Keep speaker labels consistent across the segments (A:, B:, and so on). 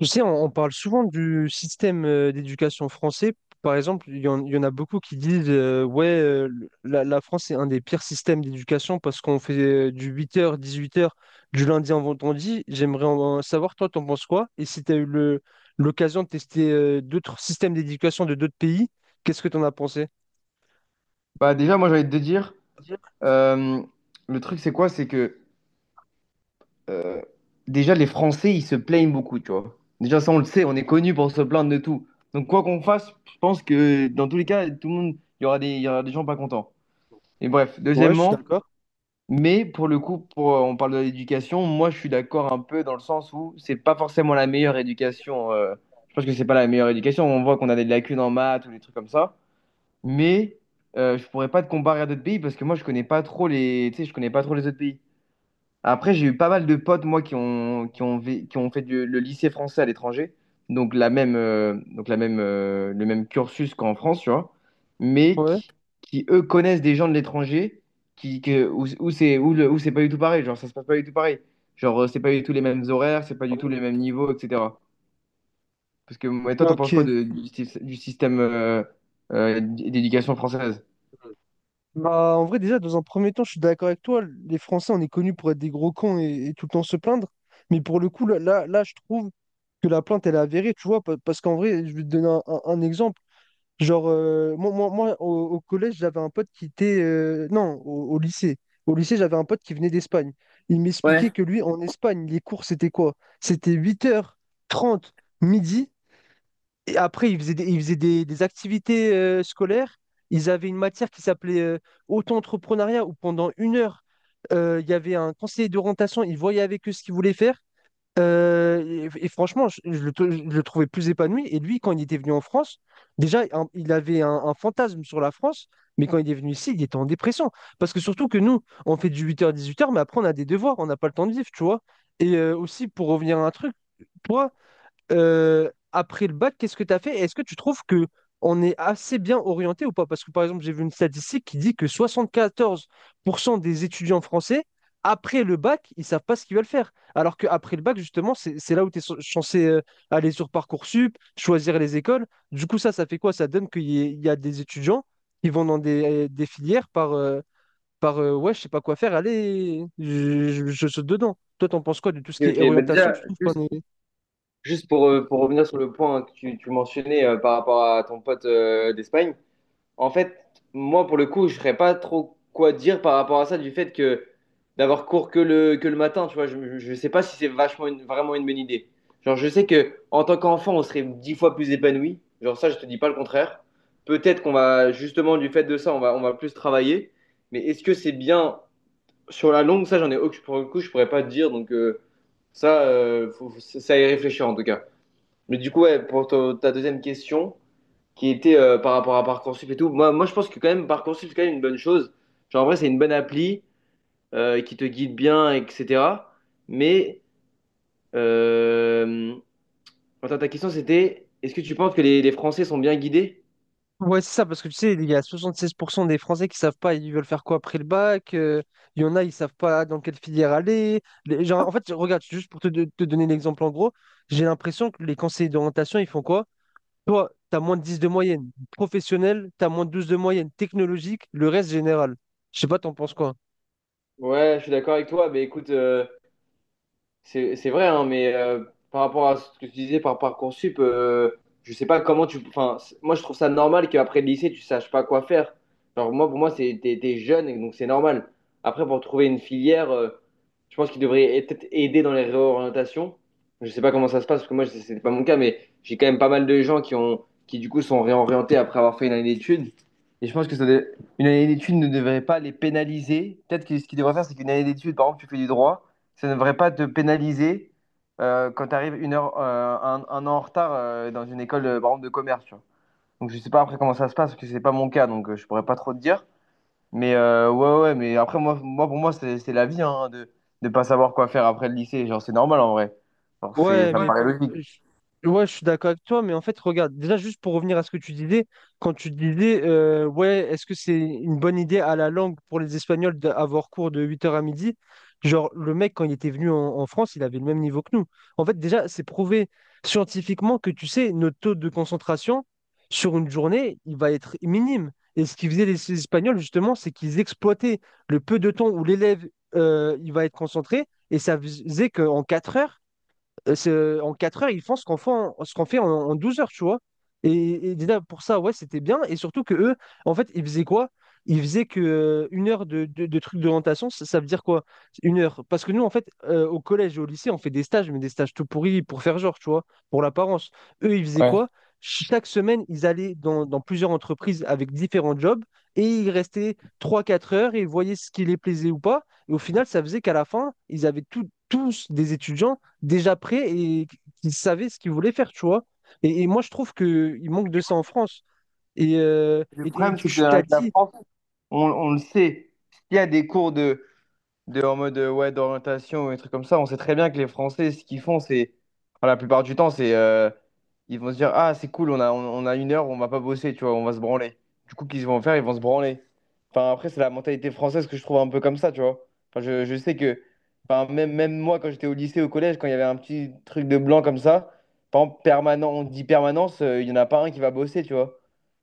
A: Tu sais, on parle souvent du système d'éducation français. Par exemple, il y en a beaucoup qui disent la France est un des pires systèmes d'éducation parce qu'on fait du 8h, 18h, du lundi au vendredi. J'aimerais en savoir, toi, t'en penses quoi? Et si tu as eu l'occasion de tester d'autres systèmes d'éducation de d'autres pays, qu'est-ce que t'en as pensé?
B: Bah déjà, moi j'ai envie de te dire, euh, le truc c'est quoi? C'est que euh, déjà les Français ils se plaignent beaucoup, tu vois. Déjà ça on le sait, on est connu pour se plaindre de tout. Donc quoi qu'on fasse, je pense que dans tous les cas, tout le monde, il y aura des gens pas contents. Et bref,
A: Ouais, je suis
B: deuxièmement,
A: d'accord.
B: mais pour le coup, pour, on parle de l'éducation, moi je suis d'accord un peu dans le sens où c'est pas forcément la meilleure éducation. Je pense que c'est pas la meilleure éducation, on voit qu'on a des lacunes en maths ou des trucs comme ça, mais je pourrais pas te comparer à d'autres pays parce que moi je connais pas trop les tu sais, je connais pas trop les autres pays. Après j'ai eu pas mal de potes moi qui ont fait le lycée français à l'étranger, donc la même le même cursus qu'en France, tu vois, mais
A: Ouais.
B: qui, eux connaissent des gens de l'étranger, qui que, où, où c'est où le- où c'est pas du tout pareil, genre ça se passe pas du tout pareil, genre c'est pas du tout les mêmes horaires, c'est pas du tout les mêmes niveaux, etc. Parce que ouais, toi t'en penses quoi
A: Ok.
B: du, du système d'éducation française?
A: Bah, en vrai, déjà, dans un premier temps, je suis d'accord avec toi. Les Français, on est connus pour être des gros cons et tout le temps se plaindre. Mais pour le coup, là, je trouve que la plainte, elle est avérée, tu vois. Parce qu'en vrai, je vais te donner un exemple. Genre, moi, au collège, j'avais un pote qui était. Non, au lycée. Au lycée, j'avais un pote qui venait d'Espagne. Il m'expliquait que lui, en Espagne, les cours, c'était quoi? C'était 8h30 midi. Et après, des activités scolaires. Ils avaient une matière qui s'appelait auto-entrepreneuriat, où pendant 1 heure, il y avait un conseiller d'orientation. Il voyait avec eux ce qu'ils voulaient faire. Et franchement, je le trouvais plus épanoui. Et lui, quand il était venu en France, déjà, il avait un fantasme sur la France. Mais quand il est venu ici, il était en dépression. Parce que surtout que nous, on fait du 8h-18h. Mais après, on a des devoirs, on n'a pas le temps de vivre, tu vois. Et aussi, pour revenir à un truc, toi, après le bac, qu'est-ce que tu as fait? Est-ce que tu trouves que on est assez bien orienté ou pas? Parce que par exemple, j'ai vu une statistique qui dit que 74% des étudiants français, après le bac, ils savent pas ce qu'ils veulent faire. Alors qu'après le bac, justement, c'est là où tu es censé aller sur Parcoursup, choisir les écoles. Du coup, ça fait quoi? Ça donne il y a des étudiants qui vont dans des filières par, par ouais, je sais pas quoi faire, allez, je saute dedans. Toi, t'en penses quoi de tout ce
B: Ok,
A: qui
B: ok.
A: est
B: Bah
A: orientation?
B: déjà,
A: Tu trouves
B: juste,
A: qu'on est
B: juste pour, euh, pour revenir sur le point que tu mentionnais par rapport à ton pote d'Espagne, en fait, moi, pour le coup, je ne saurais pas trop quoi dire par rapport à ça, du fait que d'avoir cours que le matin, tu vois, je ne sais pas si c'est vachement vraiment une bonne idée. Genre, je sais que en tant qu'enfant, on serait 10 fois plus épanoui. Genre, ça, je te dis pas le contraire. Peut-être qu'on va, justement, du fait de ça, on va plus travailler. Mais est-ce que c'est bien sur la longue, ça, j'en ai aucun. Pour le coup, je pourrais pas te dire. Donc, ça, c'est à y réfléchir en tout cas. Mais du coup, ouais, pour ta deuxième question, qui était par rapport à Parcoursup et tout, moi, je pense que quand même, Parcoursup, c'est quand même une bonne chose. Genre, en vrai, c'est une bonne appli qui te guide bien, etc. Mais, euh, attends, ta question, c'était, est-ce que tu penses que les Français sont bien guidés?
A: Ouais, c'est ça, parce que tu sais, il y a 76% des Français qui savent pas, ils veulent faire quoi après le bac. Il y en a, ils savent pas dans quelle filière aller. Genre, en fait, regarde, juste pour te donner l'exemple en gros, j'ai l'impression que les conseillers d'orientation, ils font quoi? Toi, tu as moins de 10 de moyenne. Professionnel, tu as moins de 12 de moyenne. Technologique, le reste général. Je sais pas, t'en penses quoi?
B: Ouais, je suis d'accord avec toi, mais écoute. C'est vrai, hein, mais par rapport à ce que tu disais par Parcoursup, je sais pas comment tu. Enfin, moi, je trouve ça normal qu'après le lycée, tu saches pas quoi faire. Genre, moi, pour moi, t'es jeune, et donc c'est normal. Après, pour trouver une filière, je pense qu'il devrait peut-être aider dans les réorientations. Je sais pas comment ça se passe, parce que moi, c'est pas mon cas, mais j'ai quand même pas mal de gens qui du coup sont réorientés après avoir fait une année d'études. Et je pense que une année d'études ne devrait pas les pénaliser. Peut-être que ce qu'ils devraient faire, c'est qu'une année d'études, par exemple, tu fais du droit, ça ne devrait pas te pénaliser quand tu arrives une heure, un an en retard dans une école, par exemple, de commerce. Tu vois. Donc, je sais pas après comment ça se passe, parce que c'est pas mon cas, donc je pourrais pas trop te dire. Mais ouais, ouais, mais après, moi, pour moi, c'est la vie, hein, de ne pas savoir quoi faire après le lycée. Genre, c'est normal en vrai. Genre,
A: Ouais,
B: ça me, ouais,
A: mais
B: paraît logique.
A: ouais, je suis d'accord avec toi, mais en fait, regarde, déjà juste pour revenir à ce que tu disais, quand tu disais, ouais, est-ce que c'est une bonne idée à la langue pour les Espagnols d'avoir cours de 8h à midi? Genre, le mec, quand il était venu en France, il avait le même niveau que nous. En fait, déjà, c'est prouvé scientifiquement que, tu sais, notre taux de concentration sur une journée, il va être minime. Et ce qu'ils faisaient les Espagnols, justement, c'est qu'ils exploitaient le peu de temps où l'élève, il va être concentré, et ça faisait qu'en 4 heures, en 4 heures, ils font ce qu'on fait en, en 12 heures, tu vois. Et déjà, pour ça, ouais, c'était bien. Et surtout que eux, en fait, ils faisaient quoi? Ils faisaient que 1 heure de trucs d'orientation, ça veut dire quoi? 1 heure. Parce que nous, en fait, au collège et au lycée, on fait des stages, mais des stages tout pourris pour faire genre, tu vois, pour l'apparence. Eux, ils faisaient
B: Ouais.
A: quoi? Chaque semaine, ils allaient dans plusieurs entreprises avec différents jobs et ils restaient 3 4 heures et ils voyaient ce qui les plaisait ou pas. Et au final, ça faisait qu'à la fin, ils avaient tous des étudiants déjà prêts et qu'ils savaient ce qu'ils voulaient faire, tu vois. Et moi, je trouve qu'il manque de ça en France. Et,
B: Le
A: et
B: problème, c'est
A: tu t'as
B: qu'avec la
A: dit,
B: France, on le sait. S'il y a des cours de, en mode ouais, d'orientation ou et trucs comme ça. On sait très bien que les Français, ce qu'ils font, c'est, enfin, la plupart du temps, c'est ils vont se dire, ah, c'est cool, on a une heure, on va pas bosser, tu vois, on va se branler. Du coup, qu'ils vont faire, ils vont se branler. Enfin, après, c'est la mentalité française que je trouve un peu comme ça, tu vois. Enfin, je sais que, enfin, même moi, quand j'étais au lycée, au collège, quand il y avait un petit truc de blanc comme ça, par exemple, permanent, on dit permanence, il y en a pas un qui va bosser, tu vois.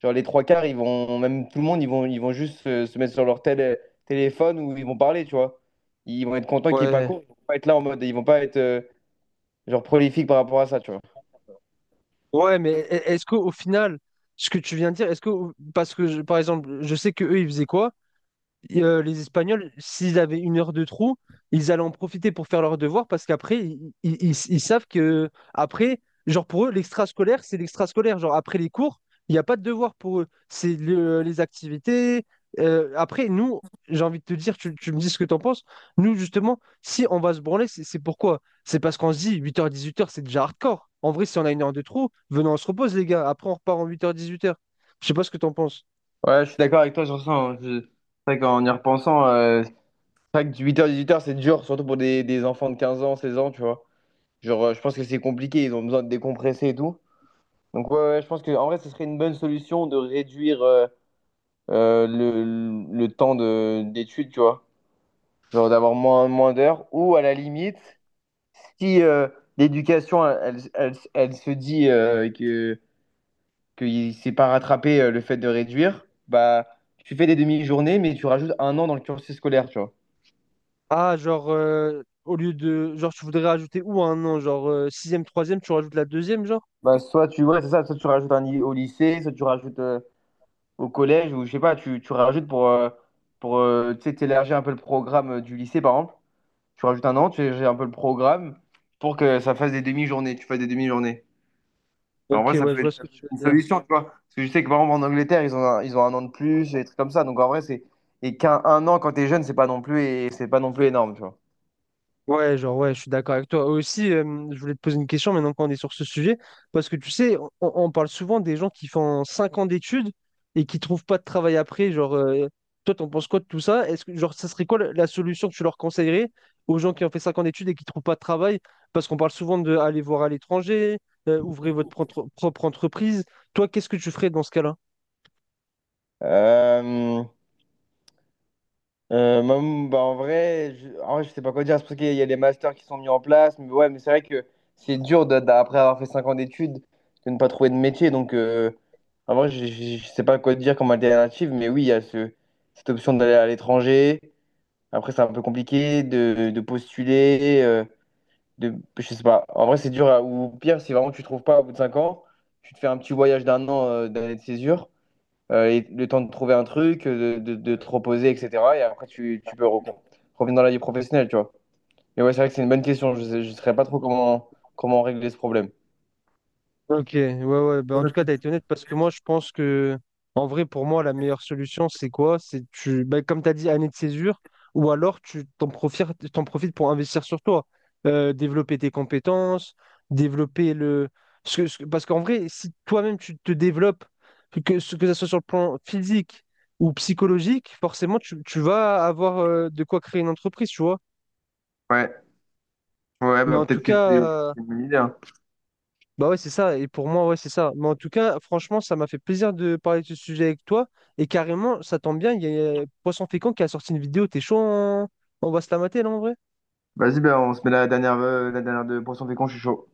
B: Genre les trois quarts, ils vont, même tout le monde, ils vont juste se, mettre sur leur téléphone, ou ils vont parler, tu vois. Ils vont être contents qu'il n'y ait pas
A: ouais,
B: cours. Ils vont pas être là en mode. Ils vont pas être genre prolifiques par rapport à ça, tu vois.
A: ouais, mais est-ce qu'au final, ce que tu viens de dire, est-ce que, par exemple, je sais que eux, ils faisaient quoi? Et, les Espagnols, s'ils avaient 1 heure de trou, ils allaient en profiter pour faire leurs devoirs parce qu'après, ils savent que, après, genre pour eux, l'extrascolaire, c'est l'extrascolaire. Genre après les cours, il n'y a pas de devoir pour eux. Les activités. Après, nous, j'ai envie de te dire, tu me dis ce que tu en penses. Nous, justement, si on va se branler, c'est pourquoi? C'est parce qu'on se dit 8h, 18h, c'est déjà hardcore. En vrai, si on a 1 heure de trou, venons, on se repose, les gars. Après, on repart en 8h, 18h. Je sais pas ce que tu en penses.
B: Ouais, je suis d'accord avec toi sur ça, hein. C'est vrai qu'en y repensant, c'est vrai que du 8h-18h, c'est dur, surtout pour des enfants de 15 ans, 16 ans, tu vois. Genre, je pense que c'est compliqué, ils ont besoin de décompresser et tout. Donc, ouais, ouais, je pense qu'en vrai, ce serait une bonne solution de réduire le temps d'études, tu vois. Genre d'avoir moins d'heures, ou à la limite, si l'éducation, elle se dit que qu'il ne s'est pas rattrapé le fait de réduire, bah, tu fais des demi-journées, mais tu rajoutes un an dans le cursus scolaire, tu vois.
A: Ah, genre, au lieu de. Genre, tu voudrais rajouter où un nom? Genre, sixième, troisième, tu rajoutes la deuxième, genre?
B: Bah, soit ouais, c'est ça, soit tu rajoutes au lycée, soit tu rajoutes au collège, ou je sais pas, tu rajoutes pour tu sais, t'élargir un peu le programme du lycée, par exemple. Tu rajoutes un an, tu élargis un peu le programme pour que ça fasse des demi-journées, tu fasses des demi-journées. Alors, en
A: Ok,
B: vrai, ça
A: ouais, je
B: peut
A: vois
B: être
A: ce que tu
B: une
A: veux dire.
B: solution, tu vois. Parce que je sais que, par exemple, en Angleterre, ils ont un an de plus, et des trucs comme ça. Donc, en vrai, c'est... Et qu'un un an, quand t'es jeune, c'est pas non plus, et c'est pas non plus énorme, tu vois.
A: Ouais, genre, ouais, je suis d'accord avec toi. Aussi, je voulais te poser une question maintenant qu'on est sur ce sujet, parce que tu sais, on parle souvent des gens qui font 5 ans d'études et qui trouvent pas de travail après. Genre, toi, t'en penses quoi de tout ça? Est-ce que, genre, ça serait quoi la solution que tu leur conseillerais aux gens qui ont fait 5 ans d'études et qui trouvent pas de travail? Parce qu'on parle souvent de aller voir à l'étranger, ouvrez votre propre entreprise. Toi, qu'est-ce que tu ferais dans ce cas-là?
B: Euh, moi, bah, en vrai, en vrai, je sais pas quoi dire. C'est parce qu'il y a les masters qui sont mis en place. Mais ouais, mais c'est vrai que c'est dur d'après avoir fait 5 ans d'études de ne pas trouver de métier. Donc, en vrai, je sais pas quoi dire comme alternative. Mais oui, il y a cette option d'aller à l'étranger. Après, c'est un peu compliqué de postuler, de, je sais pas. En vrai, c'est dur. Ou pire, si vraiment tu trouves pas au bout de 5 ans, tu te fais un petit voyage d'un an d'année de césure, et le temps de trouver un truc, de te reposer, etc. Et après, tu peux revenir dans la vie professionnelle, tu vois. Mais ouais, c'est vrai que c'est une bonne question. Je saurais pas trop comment, régler ce problème.
A: Ok, ouais. Bah,
B: Ouais,
A: en tout cas, tu as été honnête parce que moi, je pense que, en vrai, pour moi, la meilleure solution, c'est quoi? C'est tu, bah, comme tu as dit, année de césure, ou alors t'en profites pour investir sur toi, développer tes compétences, développer le. Parce qu'en vrai, si toi-même tu te développes, que ce que ça soit sur le plan physique ou psychologique, forcément, tu vas avoir de quoi créer une entreprise, tu vois.
B: ouais, ouais,
A: Mais
B: bah,
A: en tout
B: peut-être que c'est
A: cas,
B: c'est une bonne idée, hein.
A: Bah ouais, c'est ça. Et pour moi, ouais, c'est ça. Mais en tout cas, franchement, ça m'a fait plaisir de parler de ce sujet avec toi. Et carrément, ça tombe bien, il y a Poisson Fécond qui a sorti une vidéo. T'es chaud, on va se la mater, là, en vrai?
B: Vas-y, bah, on se met la dernière de pourcentage con, je suis chaud.